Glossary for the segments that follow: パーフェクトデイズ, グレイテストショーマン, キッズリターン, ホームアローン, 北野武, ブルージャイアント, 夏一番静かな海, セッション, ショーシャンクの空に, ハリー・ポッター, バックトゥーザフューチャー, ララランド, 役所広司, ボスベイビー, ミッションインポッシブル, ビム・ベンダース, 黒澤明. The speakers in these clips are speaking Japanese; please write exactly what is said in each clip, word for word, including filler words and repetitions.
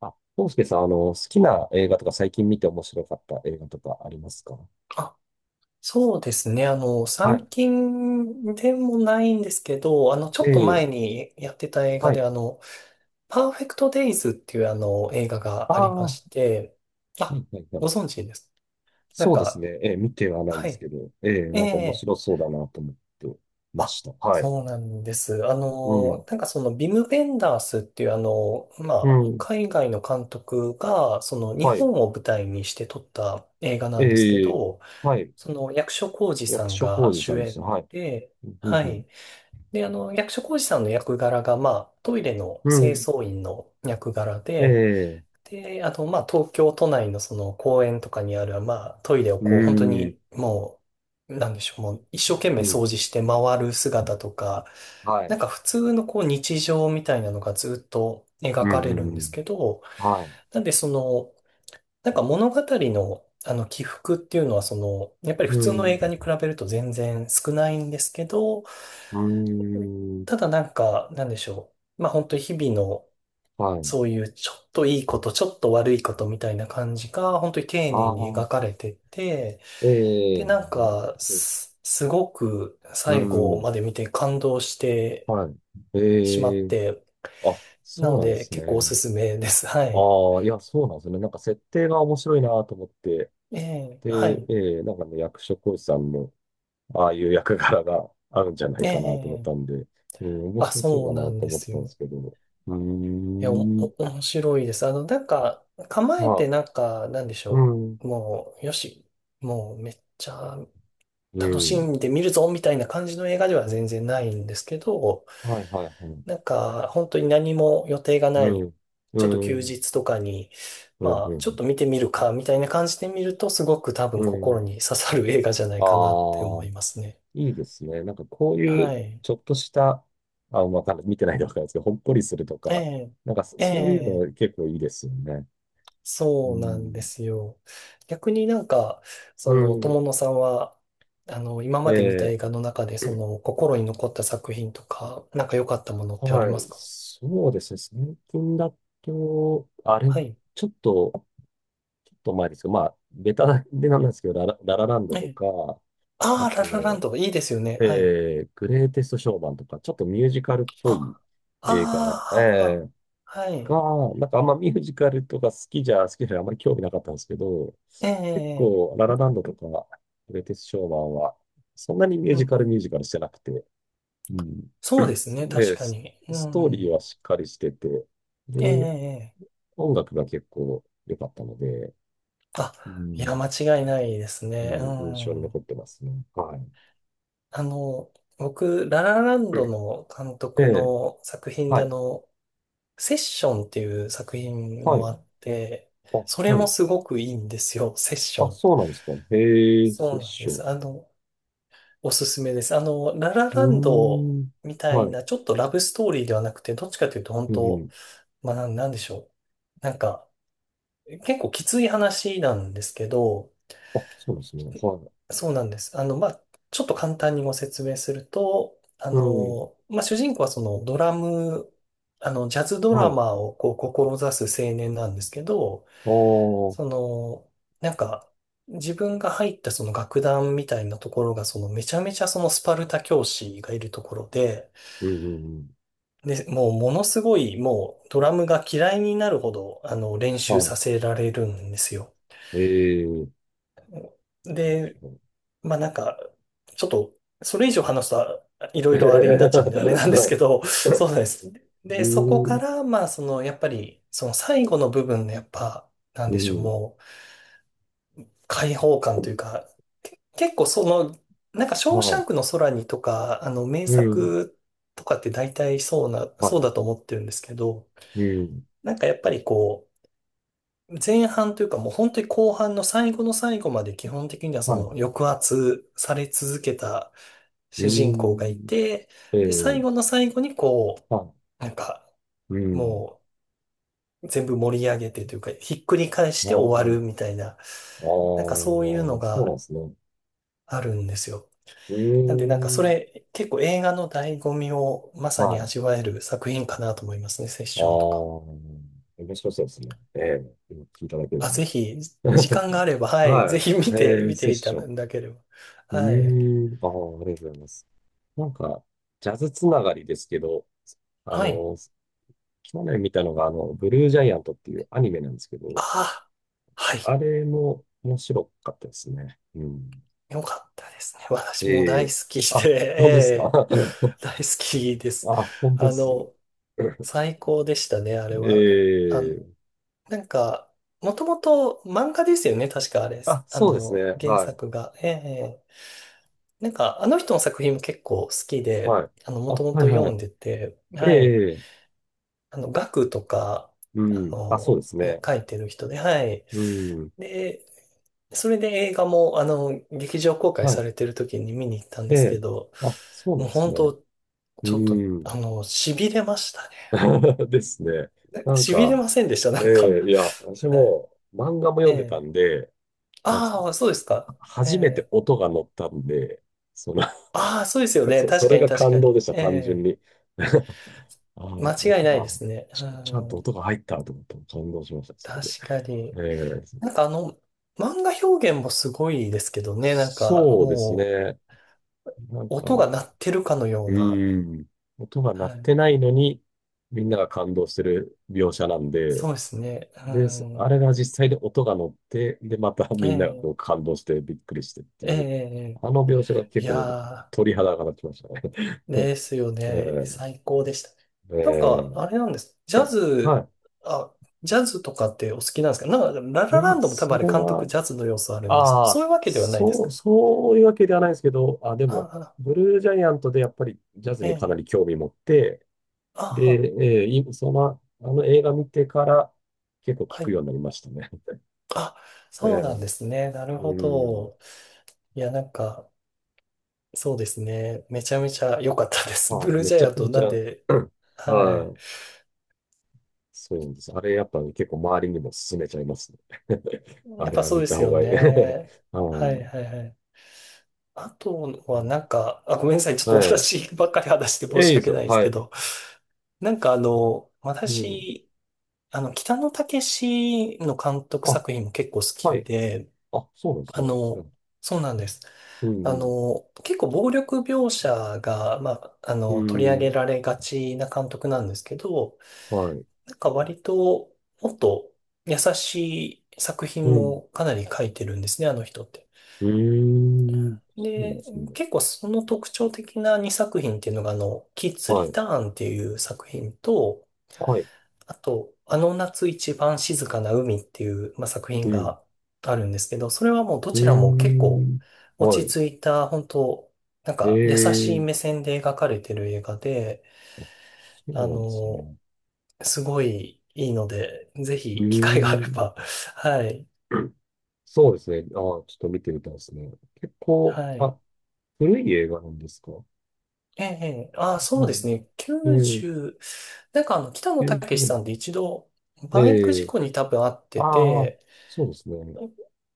あ、康介さん、あの、好きな映画とか最近見て面白かった映画とかありますか？あ、そうですね。あの、は最い。近でもないんですけど、あの、ちょっとええ。前にやってた映は画で、い。あの、パーフェクトデイズっていうあの、映画あがああ、りまはして、いあ、はいはい。ご存知です？なんそうですか、ね。ええ、見てはないんはですい。けど、ええ、えなんか面え、白そうだなと思ってまあ、した。はい。そうなんです。あうん、の、なんかその、ビム・ベンダースっていうあの、まうあ、ん、海外の監督が、その、日はい。本を舞台にして撮った映画なんですけええ。ど、はい。その役所広司さ役ん所が広司さ主んですね。演はい。で、うん、はうん、い。で、あの、役所広司さんの役柄が、まあ、トイレのう清ん。掃員の役柄で、ええ。で、あと、まあ、東京都内のその公園とかにある、まあ、トイレをうこう、本当ん、にもう、なんでしょう、もう一生懸う命掃ん、除して回る姿とか、はない。んか普通のこう、日常みたいなのがずっとう描ん、かうれるん、んでうすん。けど、はい。なんでその、なんか物語の、あの起伏っていうのはその、やっぱり普う通のん、映画に比べると全然少ないんですけど、うん、ただなんか、なんでしょう。まあ本当に日々のはい。そういうちょっといいこと、ちょっと悪いことみたいな感じが本当に丁あ寧に描あ、かれてて、ええ、でなんなるほかど。す、すごくう最後ん、まで見て感動してはい。しまえっえ。て、あ、そなうのなんでです結構おすね。すめです。はい。ああ、いや、そうなんですね。なんか設定が面白いなと思って。ええ、で、はい。ええ、なんかね、役所広司さんの、ああいう役柄が あるんじゃないえかなと思っえ、たんで、うん、面あ、白そうだそうななとんで思ってすたんでよ。すけど。うーいや、お、ん、お面白いです。あの、なんか、構えてはなんか、なんでしい。うょん、う。もう、よし、もうめっちゃう楽しん。んで見るぞ、みたいな感じの映画では全然ないんですけど、はい、はい、はい。なんか、本当に何も予定がなうい、ん、うちょっとん、う休ん、日とかに、うまあ、ちょっん、と見てみるか、みたいな感じで見ると、すごく多う分ん。心に刺さる映画じゃないあかなってあ、思いますね。いいですね。なんかこういはうい。ちょっとした、あ、わかんない。見てないでわかんないですけど、ほっこりするとえか、え、なんかそえそういうえ。の結構いいですよね。うそうなんでん。すよ。逆になんか、うその、ん。友野さんは、あの、今まで見た映え画の中で、その、心に残った作品とか、なんか良かったものっー、てありはまい。すか？そうですね。最近だと、あれ、はい。ちょっと、ちょっと前ですけど、まあ、ベタでなんですけど、ララ、ララランドえとえ。か、あああ、ララランと、ド、いいですよね。はい。えー、グレイテストショーマンとか、ちょっとミュージカルっぽいあ、あ映画、えあ、ははえ、はい。が、なんかあんまミュージカルとか好きじゃ、好きじゃ、あんまり興味なかったんですけど、ええ、ええ、結ええ、構、ララランドとか、グレイテストショーマンは、そんなにミューうジんカうルミュん。ージカルしてなくて、うん。そうですね、確で、かス、に。うストーリーん。はしっかりしてて、ええ、えで、え。ええ、音楽が結構良かったので、あ、ういや、ん、間違いないですうね。うん、印象にん。残ってますね。はい。あの、僕、ララランうドん。の監督で、の作品はで、あい、の、セッションっていう作品はもい、あって、あ、それはもい。すごくいいんですよ、セッシあ、ョン。そうなんですか。へえ、セそうッなんシでョす。ン。あの、おすすめです。あの、ララうラーンドん、みたいはい。な、ちょっとラブストーリーではなくて、どっちかというと、本うん、う当、ん。まあ、なんなんでしょう。なんか、結構きつい話なんですけど、あ、そうなんですね。はい。そうなんです。あの、まあ、ちょっと簡単にご説明すると、あうん。の、まあ、主人公はそのドラム、あの、ジャズドはラい。マーをこう、志す青年なんですけど、ああ。その、なんか、自分が入ったその楽団みたいなところが、そのめちゃめちゃそのスパルタ教師がいるところで、うんうんうん。で、もうものすごいもうドラムが嫌いになるほど、あの、練は習させられるんですよ。い。ええー。で、まあなんか、ちょっと、それ以上話すと、いろいろあれになっちゃうんで、あれなんではすけい。ど、そうなんです。うで、そこかん。ら、まあ、その、やっぱり、その最後の部分の、やっぱ、なんうでしょう、ん。もう、解放感というか、け結構その、なんか、ショーシャはンクの空にとか、あの、名い。うん。作とかって大体そうな、そはうだと思ってるんですけど、い。うん。なんかやっぱりこう、前半というかもう本当に後半の最後の最後まで基本的にはそはい。の抑圧され続けた主う人公がいん。て、ええで、最ー。後の最後にこはう、なんかい。うん。もう全部盛り上げてというかひっくり返しあて終わるあ。みたいな、あなんかそういうのあ、そうなんがですね。あるんですよ。うーなんでなんかそん。れ結構映画の醍醐味をまさはにい。あ味わえる作品かなと思いますね、セッションとか。あ。面白そうですね。ええ、今聞いただけであ、ぜも。ひ、時 間があれば、はい、はぜひい。見て、ええ、見セてッいたション。だければ。うはい。ーん。ああ、ありがとうございます。なんか、ジャズつながりですけど、あはい。の、去年見たのが、あの、ブルージャイアントっていうアニメなんですけあど、あ、はい。あれも面白かったですね。うん。よかったですね。私もえ大え。好きあ、で、そうですか。ええ、 大好きです。あ、本当であす。の、最高でしたね、あれは。あの、ええ。なんか、もともと漫画ですよね、確かあれ。あ、あそうですね。の、原はい。作が。ええ、なんか、あの人の作品も結構好きで、はい。あの、もあ、ともはいと読はい。んでて、はい。ええ。あの、ガクとか、うあん。あ、そうの、ですいや、ね。書いてる人で、はい。うん。で、それで映画も、あの、劇場公開はさい。れてる時に見に行ったんえですけえ。ど、あ、そうなもんうです本ね。当うちょっと、ん。あの、痺れましたね。ですね。なん痺れか、ませんでした、なえんか。え、いや、私 はい。も漫画もえ読んでたえ。んで、なんですか、ああ、そうですか。え初めてえ。音が乗ったんで、その、ああ、そうですよ ね。そ、確そかれに、が確か感動に。でした、え単純え。に。ああ、間違い音ないでが、すね。うち、ちゃんとん。音が入ったと思って感動しました、それ確で。かに。ええ。なんかあの、漫画表現もすごいですけどね。なんか、そうですもね。なんう、か、音が鳴っうてるかのような。ーん、音が鳴はっい。てないのに、みんなが感動してる描写なんで、そうですね。で、そうん。あれが実際で音が乗って、で、また えみんながこえ。う感動してびっくりしてってえいう、え、あの描写がい結構や鳥肌が立ちましたね。ー、ですよ ね。え最高でした。なんか、え。えあれえ。なんです。ジャズ、はあ、ジャズとかってお好きなんですか？なんか、ラい。いララや、ンドも多分そあれれ監督は、ジャズの要素あるんです。あそあ、ういうわけではないですそう、か？そういうわけではないですけど、あ、であも、あ、ブルージャイアントでやっぱりジャズえにかなえ、り興味持って、で、あええいその、あの映画見てから結構あ、聞はくい。ようになりましたね。あ、そうええ。なんですね。なるうほん。ど。いや、なんか、そうですね。めちゃめちゃ良かったです。はブい。ルーめジャちイゃアンくトちなんゃ、で、うん。ははい。い。そうなんです。あれやっぱね結構周りにも勧めちゃいますね。あやっれぱはそう見でたす方よがいい。ね。はい、はい。はい、はい。あとうはん。なんか、あ、ごめんなさい。ちょっはとい。私ばっかり話して申え、いいしです訳なよ。いですはけい。ど、なんかあの、うん。私、あの、北野武の監督あ、作品も結構好はきい。で、あ、そうなんですあね。うの、ん。そうなんです。うあん。の、結構暴力描写が、まあ、あうの、取り上げん。られがちな監督なんですけど、はい。なんか割ともっと優しい作う品ん。もかなり書いてるんですね、あの人って。うーん。そうなんでで、すね。結構その特徴的なにさく品っていうのが、あの、キッズはリい。ターンっていう作品と、はい。あと、あの夏一番静かな海っていう、まあ、作う品ん。があるんですけど、それはもうどうーちらも結構ん。は落い。ち着いた、本当なんえか優しい目え。線で描かれてる映画で、あ、そあうなんですね。の、すごいいいので、ぜうひ機会があーれん。ば、はい、そうですね。ああ、ちょっと見てみたいですね。結構、はい。あ、古い映画なんですか？ええ、ああ、そううですん。ね。ええ、きゅうじゅう、なんかあの、北野90武年さ代。んで一度、バイクえ事え、故に多分あってああ、て、そうですね。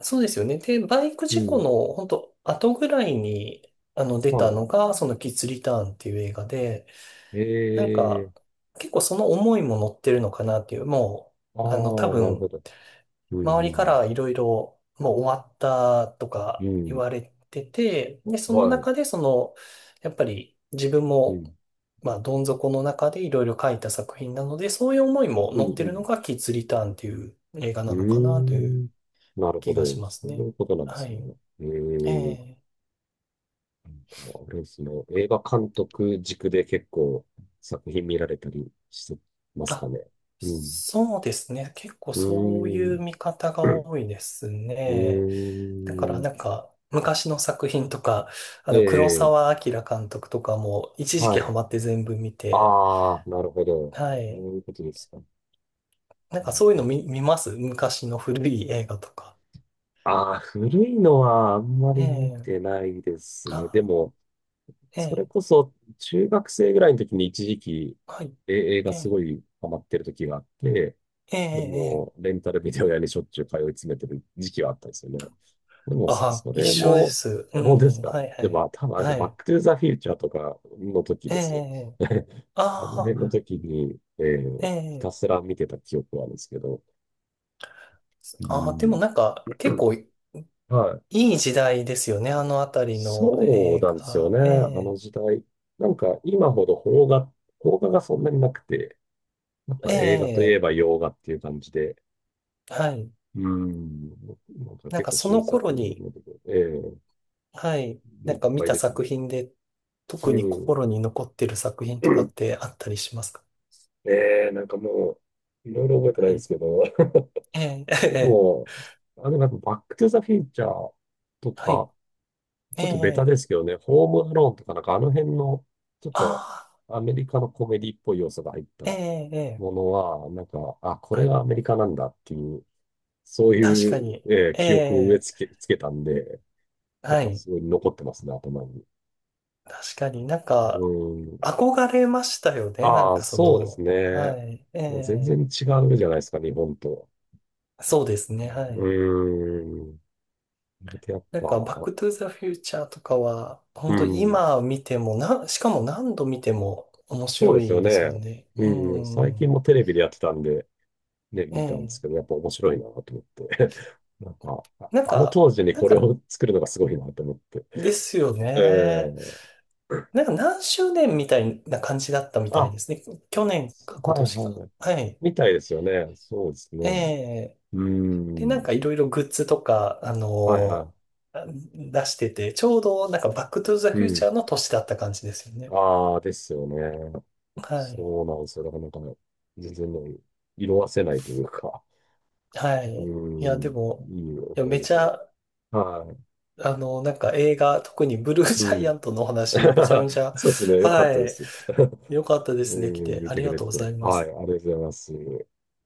そうですよね。で、バイクう事故ん。の本当後ぐらいに、あの、出はたい。のが、そのキッズリターンっていう映画で、えなんか、え、結構その思いも乗ってるのかなっていう、もあう、あの、多あ、なるほ分、ど。うん、周うりかん、らいろいろもう終わったとうか言ん。われてて、で、そのはい。中でその、やっぱり自分うも、ん、まあ、どん底の中でいろいろ書いた作品なので、そういう思いもうん、乗ってうるのん。がキッズリターンっていう映画うなーのかなというん。なるほ気がしど。まそすうね。いうことなんではすい。ね。えええ、え。なんか、あれですね。映画監督軸で結構作品見られたりしてますかあ、ね？うん。そうですね。結構うそうーいうん。見方が多いですうね。だからーん。なんか、昔の作品とか、あえの、黒え、澤明監督とかも、一時期はハい。マって全部見て、ああ、なるほど。はそい。ういうことですか。うなんかん、そういううのん。見、見ます、昔の古い映画とか。ああ、古いのはあんまり見えてえ、ないですね。であ、も、それえこえ、そ中学生ぐらいの時に一時期、はえ映い。画えすえごいハマってる時があって、えでええも、え、レンタルビデオ屋にしょっちゅう通い詰めてる時期はあったんですよね。でも、そあ、そ一れ緒でも、す。う本当ですん、か？はい、はでも、まい。あ多分あれですよ、はバッい。クトゥーザフューチャーとかの時えですよ。え、 あのあ辺のあ、時に、えーえひたえ、すら見てた記憶はあるんですけど、うああ、でもん、なんか、結構いはい。い時代ですよね、あのあたりのそう映なんですよ画。ね、えあのえ時代。なんか、今ほど邦画、邦画がそんなになくて、やっぱ映画といえええば洋画っていう感じで、はい。うん、なんかなん結か構そ新の頃作のに、部分、ええ、はい、ないんっか見ぱいた出てき作て、品で、う特にん。心に残ってる作品とかってあったりしますか？ねえ、なんかもう、いろいろ覚えてないはんでい。すけど、ええ、え え、もう、あの、なんかバックトゥザフューチャーとはい。か、ちえょっとベタえ、ですけどね、ホームアローンとかなんかあの辺の、ちょっとああ、アメリカのコメディっぽい要素が入ったえもえ、ええ、のは、なんか、あ、これはい。がアメリカなんだっていう、そう確いかう、に。えーえ記憶を植ええ、付け、つけたんで、やっはぱい。すごい残ってますね、頭に。確かになんうか、ん。憧れましたよね。なんああ、かそそうですの、はね。い。えもう全然え、違うじゃないですか、日本と。そうですね。はい。うーん。で、やっなんぱ、か、バックトゥーザフューチャーとかは、う本当ん。今見てもな、しかも何度見ても面そう白ですよいですもね。んね。ううん、最近ん。もテレビでやってたんで、ね、え見たんですえ。けど、やっぱ面白いなと思って。なんか、あなんあ、のか、当時になんこれか、を作るのがすごいなと思って。ですよえね。ー、なんか何周年みたいな感じだったみたいあ、ですね。去年そか今はい年か。はい。はい。みたいですよね。そうですえね。え。うで、なんん。かいろいろグッズとか、あのはいーは出してて、ちょうどなんかバックトゥーザい。うフューチん。ャーの年だった感じですよね。ああ、ですよね。はい。そうなんですよ。だからなんか、全然ね、色褪せないというか、はうい。いや、でん、も、いいいや、思いめ出ちで。ゃはい。あの、なんか映画、特にブルーうジャイアん。ントのお話、めちゃ めちゃ、そうですね。よかっはたでい、す。良かった ですうね。来ん、て、見あてりくがれとうてござて。いまはい、す。ありがとうございます。